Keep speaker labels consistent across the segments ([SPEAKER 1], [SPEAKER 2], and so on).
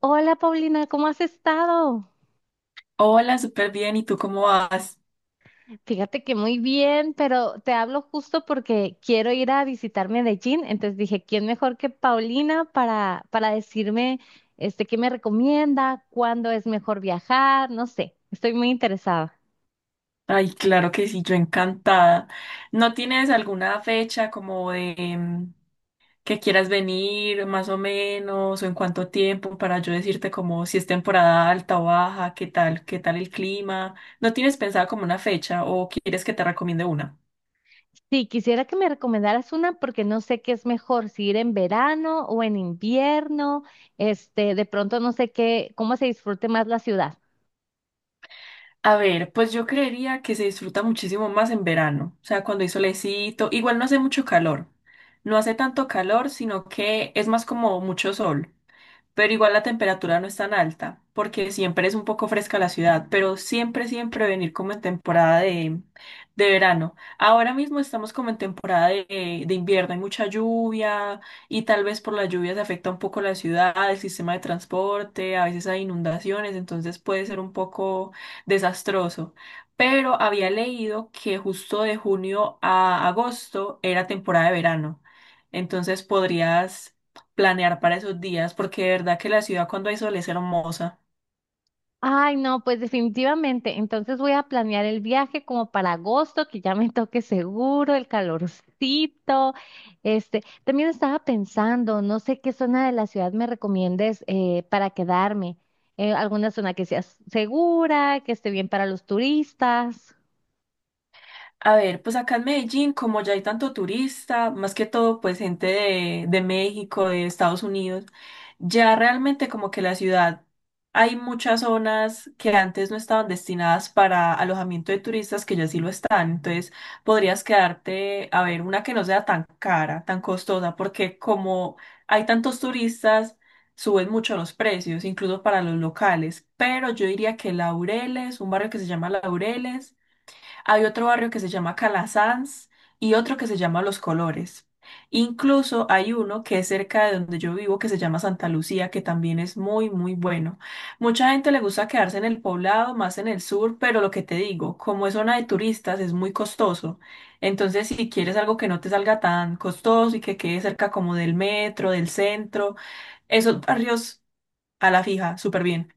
[SPEAKER 1] Hola Paulina, ¿cómo has estado?
[SPEAKER 2] Hola, súper bien. ¿Y tú cómo vas?
[SPEAKER 1] Fíjate que muy bien, pero te hablo justo porque quiero ir a visitar Medellín, entonces dije, ¿quién mejor que Paulina para decirme qué me recomienda, cuándo es mejor viajar? No sé, estoy muy interesada.
[SPEAKER 2] Ay, claro que sí, yo encantada. ¿No tienes alguna fecha como que quieras venir más o menos o en cuánto tiempo para yo decirte como si es temporada alta o baja, qué tal el clima? ¿No tienes pensada como una fecha o quieres que te recomiende una?
[SPEAKER 1] Sí, quisiera que me recomendaras una porque no sé qué es mejor, si ir en verano o en invierno, de pronto no sé qué, cómo se disfrute más la ciudad.
[SPEAKER 2] A ver, pues yo creería que se disfruta muchísimo más en verano, o sea, cuando hay solecito, igual no hace mucho calor, no hace tanto calor, sino que es más como mucho sol. Pero igual la temperatura no es tan alta, porque siempre es un poco fresca la ciudad, pero siempre, siempre venir como en temporada de verano. Ahora mismo estamos como en temporada de invierno, hay mucha lluvia y tal vez por la lluvia se afecta un poco la ciudad, el sistema de transporte, a veces hay inundaciones, entonces puede ser un poco desastroso. Pero había leído que justo de junio a agosto era temporada de verano. Entonces podrías planear para esos días, porque de verdad que la ciudad cuando hay sol es hermosa.
[SPEAKER 1] Ay, no, pues definitivamente. Entonces voy a planear el viaje como para agosto, que ya me toque seguro, el calorcito. También estaba pensando, no sé qué zona de la ciudad me recomiendes para quedarme. Alguna zona que sea segura, que esté bien para los turistas.
[SPEAKER 2] A ver, pues acá en Medellín, como ya hay tanto turista, más que todo, pues gente de México, de Estados Unidos, ya realmente como que la ciudad, hay muchas zonas que antes no estaban destinadas para alojamiento de turistas que ya sí lo están. Entonces, podrías quedarte a ver una que no sea tan cara, tan costosa, porque como hay tantos turistas, suben mucho los precios, incluso para los locales. Pero yo diría que Laureles, un barrio que se llama Laureles. Hay otro barrio que se llama Calasanz y otro que se llama Los Colores. Incluso hay uno que es cerca de donde yo vivo que se llama Santa Lucía, que también es muy, muy bueno. Mucha gente le gusta quedarse en el poblado, más en el sur, pero lo que te digo, como es zona de turistas, es muy costoso. Entonces, si quieres algo que no te salga tan costoso y que quede cerca como del metro, del centro, esos barrios a la fija, súper bien.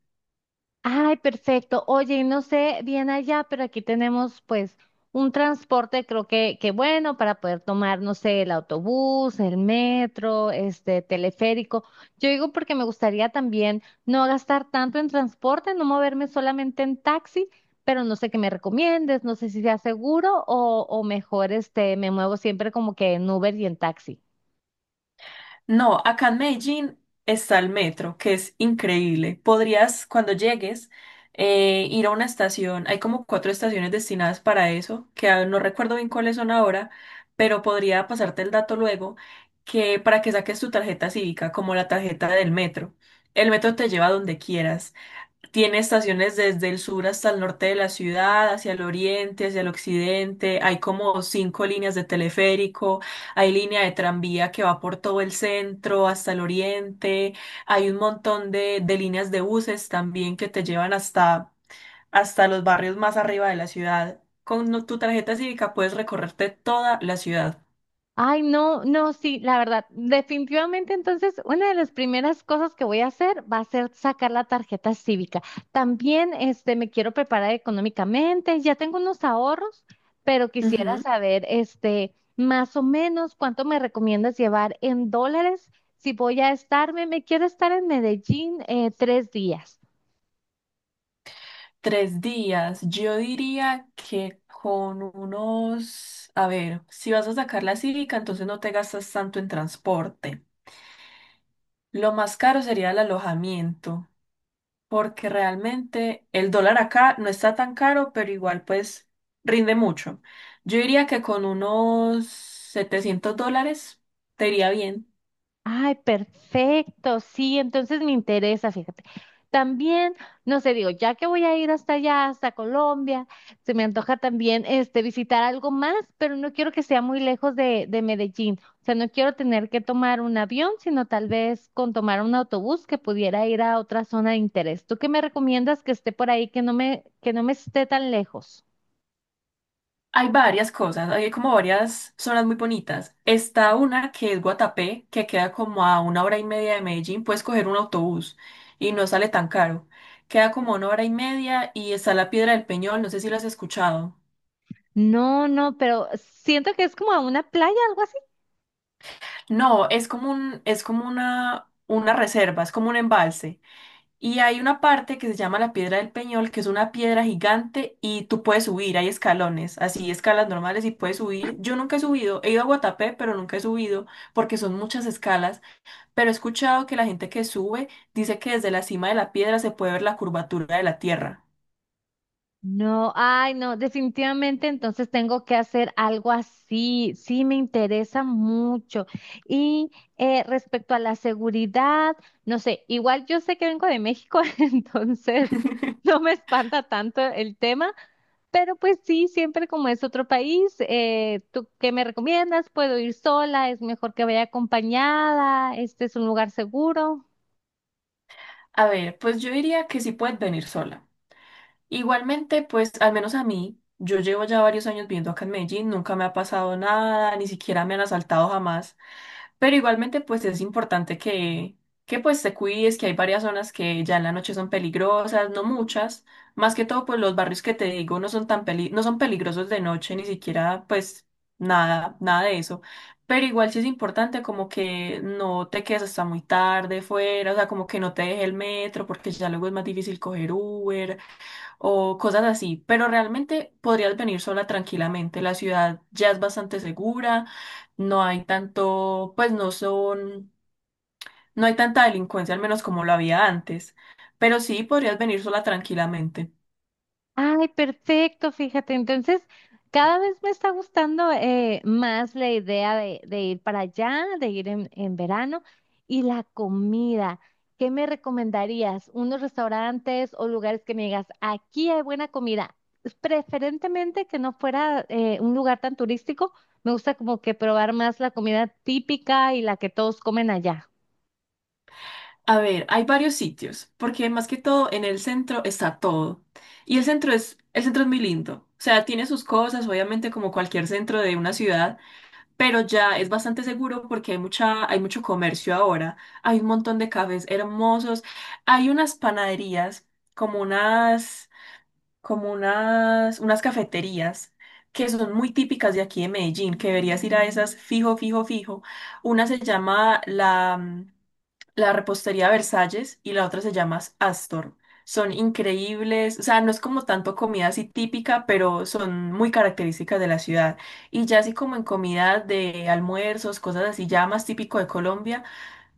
[SPEAKER 1] Ay, perfecto. Oye, no sé bien allá, pero aquí tenemos pues un transporte, creo que bueno, para poder tomar, no sé, el autobús, el metro, este teleférico. Yo digo porque me gustaría también no gastar tanto en transporte, no moverme solamente en taxi, pero no sé qué me recomiendes, no sé si sea seguro o mejor me muevo siempre como que en Uber y en taxi.
[SPEAKER 2] No, acá en Medellín está el metro, que es increíble. Podrías, cuando llegues, ir a una estación. Hay como cuatro estaciones destinadas para eso, que no recuerdo bien cuáles son ahora, pero podría pasarte el dato luego, que para que saques tu tarjeta cívica, como la tarjeta del metro. El metro te lleva a donde quieras. Tiene estaciones desde el sur hasta el norte de la ciudad, hacia el oriente, hacia el occidente. Hay como cinco líneas de teleférico, hay línea de tranvía que va por todo el centro hasta el oriente. Hay un montón de líneas de buses también que te llevan hasta los barrios más arriba de la ciudad. Con tu tarjeta cívica puedes recorrerte toda la ciudad.
[SPEAKER 1] Ay, no, no, sí, la verdad, definitivamente entonces una de las primeras cosas que voy a hacer va a ser sacar la tarjeta cívica. También me quiero preparar económicamente, ya tengo unos ahorros, pero quisiera
[SPEAKER 2] Ujú.
[SPEAKER 1] saber más o menos cuánto me recomiendas llevar en dólares si voy a estarme, me quiero estar en Medellín 3 días.
[SPEAKER 2] 3 días. Yo diría que con unos, a ver, si vas a sacar la cívica, entonces no te gastas tanto en transporte. Lo más caro sería el alojamiento, porque realmente el dólar acá no está tan caro, pero igual pues rinde mucho. Yo diría que con unos $700 te iría bien.
[SPEAKER 1] Ay, perfecto, sí, entonces me interesa, fíjate. También, no sé, digo, ya que voy a ir hasta allá, hasta Colombia, se me antoja también visitar algo más, pero no quiero que sea muy lejos de Medellín. O sea, no quiero tener que tomar un avión, sino tal vez con tomar un autobús que pudiera ir a otra zona de interés. ¿Tú qué me recomiendas que esté por ahí, que que no me esté tan lejos?
[SPEAKER 2] Hay varias cosas, hay como varias zonas muy bonitas. Está una que es Guatapé, que queda como a una hora y media de Medellín, puedes coger un autobús y no sale tan caro. Queda como a una hora y media y está la Piedra del Peñol, no sé si lo has escuchado.
[SPEAKER 1] No, no, pero siento que es como a una playa.
[SPEAKER 2] No, es como un, es como una reserva, es como un embalse. Y hay una parte que se llama la Piedra del Peñol, que es una piedra gigante y tú puedes subir, hay escalones, así escalas normales y puedes subir. Yo nunca he subido, he ido a Guatapé, pero nunca he subido porque son muchas escalas, pero he escuchado que la gente que sube dice que desde la cima de la piedra se puede ver la curvatura de la tierra.
[SPEAKER 1] No, ay, no, definitivamente entonces tengo que hacer algo así. Sí, me interesa mucho. Y Respecto a la seguridad, no sé, igual yo sé que vengo de México, entonces no me espanta tanto el tema, pero pues sí, siempre como es otro país, ¿tú qué me recomiendas? ¿Puedo ir sola? ¿Es mejor que vaya acompañada? ¿Este es un lugar seguro?
[SPEAKER 2] A ver, pues yo diría que sí puedes venir sola. Igualmente, pues al menos a mí, yo llevo ya varios años viviendo acá en Medellín, nunca me ha pasado nada, ni siquiera me han asaltado jamás. Pero igualmente, pues es importante que pues te cuides, que hay varias zonas que ya en la noche son peligrosas, no muchas. Más que todo, pues los barrios que te digo no son tan no son peligrosos de noche, ni siquiera, pues nada, nada de eso. Pero igual sí es importante como que no te quedes hasta muy tarde fuera, o sea, como que no te deje el metro, porque ya luego es más difícil coger Uber o cosas así, pero realmente podrías venir sola tranquilamente. La ciudad ya es bastante segura, no hay tanto, pues no son, no hay tanta delincuencia, al menos como lo había antes, pero sí podrías venir sola tranquilamente.
[SPEAKER 1] Ay, perfecto, fíjate. Entonces, cada vez me está gustando más la idea de ir para allá, de ir en verano. Y la comida, ¿qué me recomendarías? ¿Unos restaurantes o lugares que me digas, aquí hay buena comida? Preferentemente que no fuera un lugar tan turístico. Me gusta como que probar más la comida típica y la que todos comen allá.
[SPEAKER 2] A ver, hay varios sitios, porque más que todo en el centro está todo. Y el centro es muy lindo. O sea, tiene sus cosas, obviamente como cualquier centro de una ciudad, pero ya es bastante seguro porque hay mucha, hay mucho comercio ahora, hay un montón de cafés hermosos, hay unas panaderías, como unas, como unas cafeterías que son muy típicas de aquí de Medellín, que deberías ir a esas fijo, fijo, fijo. Una se llama la repostería Versalles y la otra se llama Astor. Son increíbles, o sea, no es como tanto comida así típica, pero son muy características de la ciudad. Y ya así como en comida de almuerzos, cosas así ya más típico de Colombia,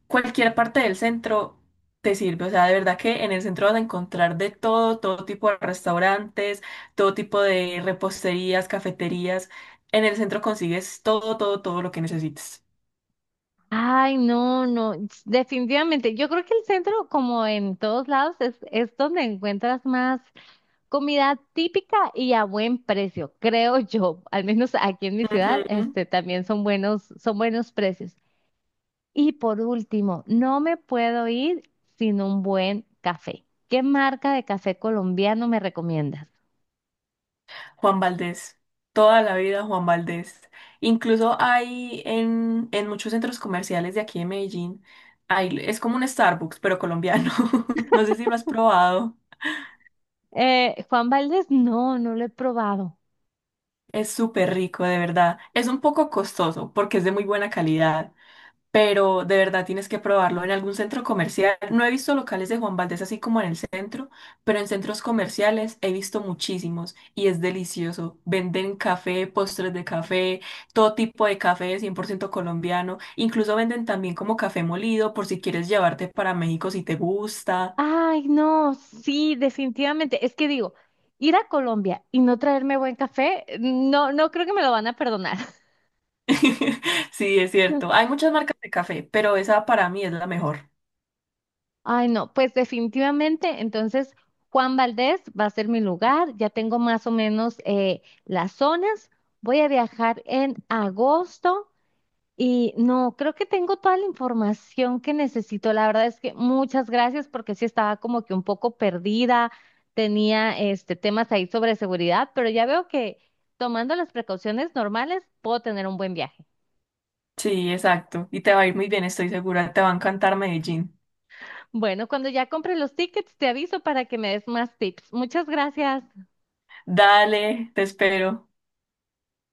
[SPEAKER 2] cualquier parte del centro te sirve. O sea, de verdad que en el centro vas a encontrar de todo, todo tipo de restaurantes, todo tipo de reposterías, cafeterías. En el centro consigues todo, todo, todo lo que necesites.
[SPEAKER 1] Ay, no, no, definitivamente. Yo creo que el centro, como en todos lados, es donde encuentras más comida típica y a buen precio, creo yo. Al menos aquí en mi ciudad,
[SPEAKER 2] Ujú.
[SPEAKER 1] también son buenos precios. Y por último, no me puedo ir sin un buen café. ¿Qué marca de café colombiano me recomiendas?
[SPEAKER 2] Juan Valdés, toda la vida Juan Valdés. Incluso hay en muchos centros comerciales de aquí de Medellín, hay, es como un Starbucks, pero colombiano. No sé si lo has probado.
[SPEAKER 1] Juan Valdez, no, no lo he probado.
[SPEAKER 2] Es súper rico, de verdad. Es un poco costoso porque es de muy buena calidad, pero de verdad tienes que probarlo en algún centro comercial. No he visto locales de Juan Valdez así como en el centro, pero en centros comerciales he visto muchísimos y es delicioso. Venden café, postres de café, todo tipo de café 100% colombiano. Incluso venden también como café molido por si quieres llevarte para México si te gusta.
[SPEAKER 1] Ay, no, sí, definitivamente. Es que digo, ir a Colombia y no traerme buen café, no, no creo que me lo van a perdonar.
[SPEAKER 2] Sí, es cierto. Hay muchas marcas de café, pero esa para mí es la mejor.
[SPEAKER 1] Ay, no, pues definitivamente, entonces Juan Valdez va a ser mi lugar, ya tengo más o menos las zonas, voy a viajar en agosto. Y no, creo que tengo toda la información que necesito. La verdad es que muchas gracias porque sí estaba como que un poco perdida, tenía este temas ahí sobre seguridad, pero ya veo que tomando las precauciones normales puedo tener un buen viaje.
[SPEAKER 2] Sí, exacto. Y te va a ir muy bien, estoy segura. Te va a encantar Medellín.
[SPEAKER 1] Bueno, cuando ya compre los tickets te aviso para que me des más tips. Muchas gracias.
[SPEAKER 2] Dale, te espero.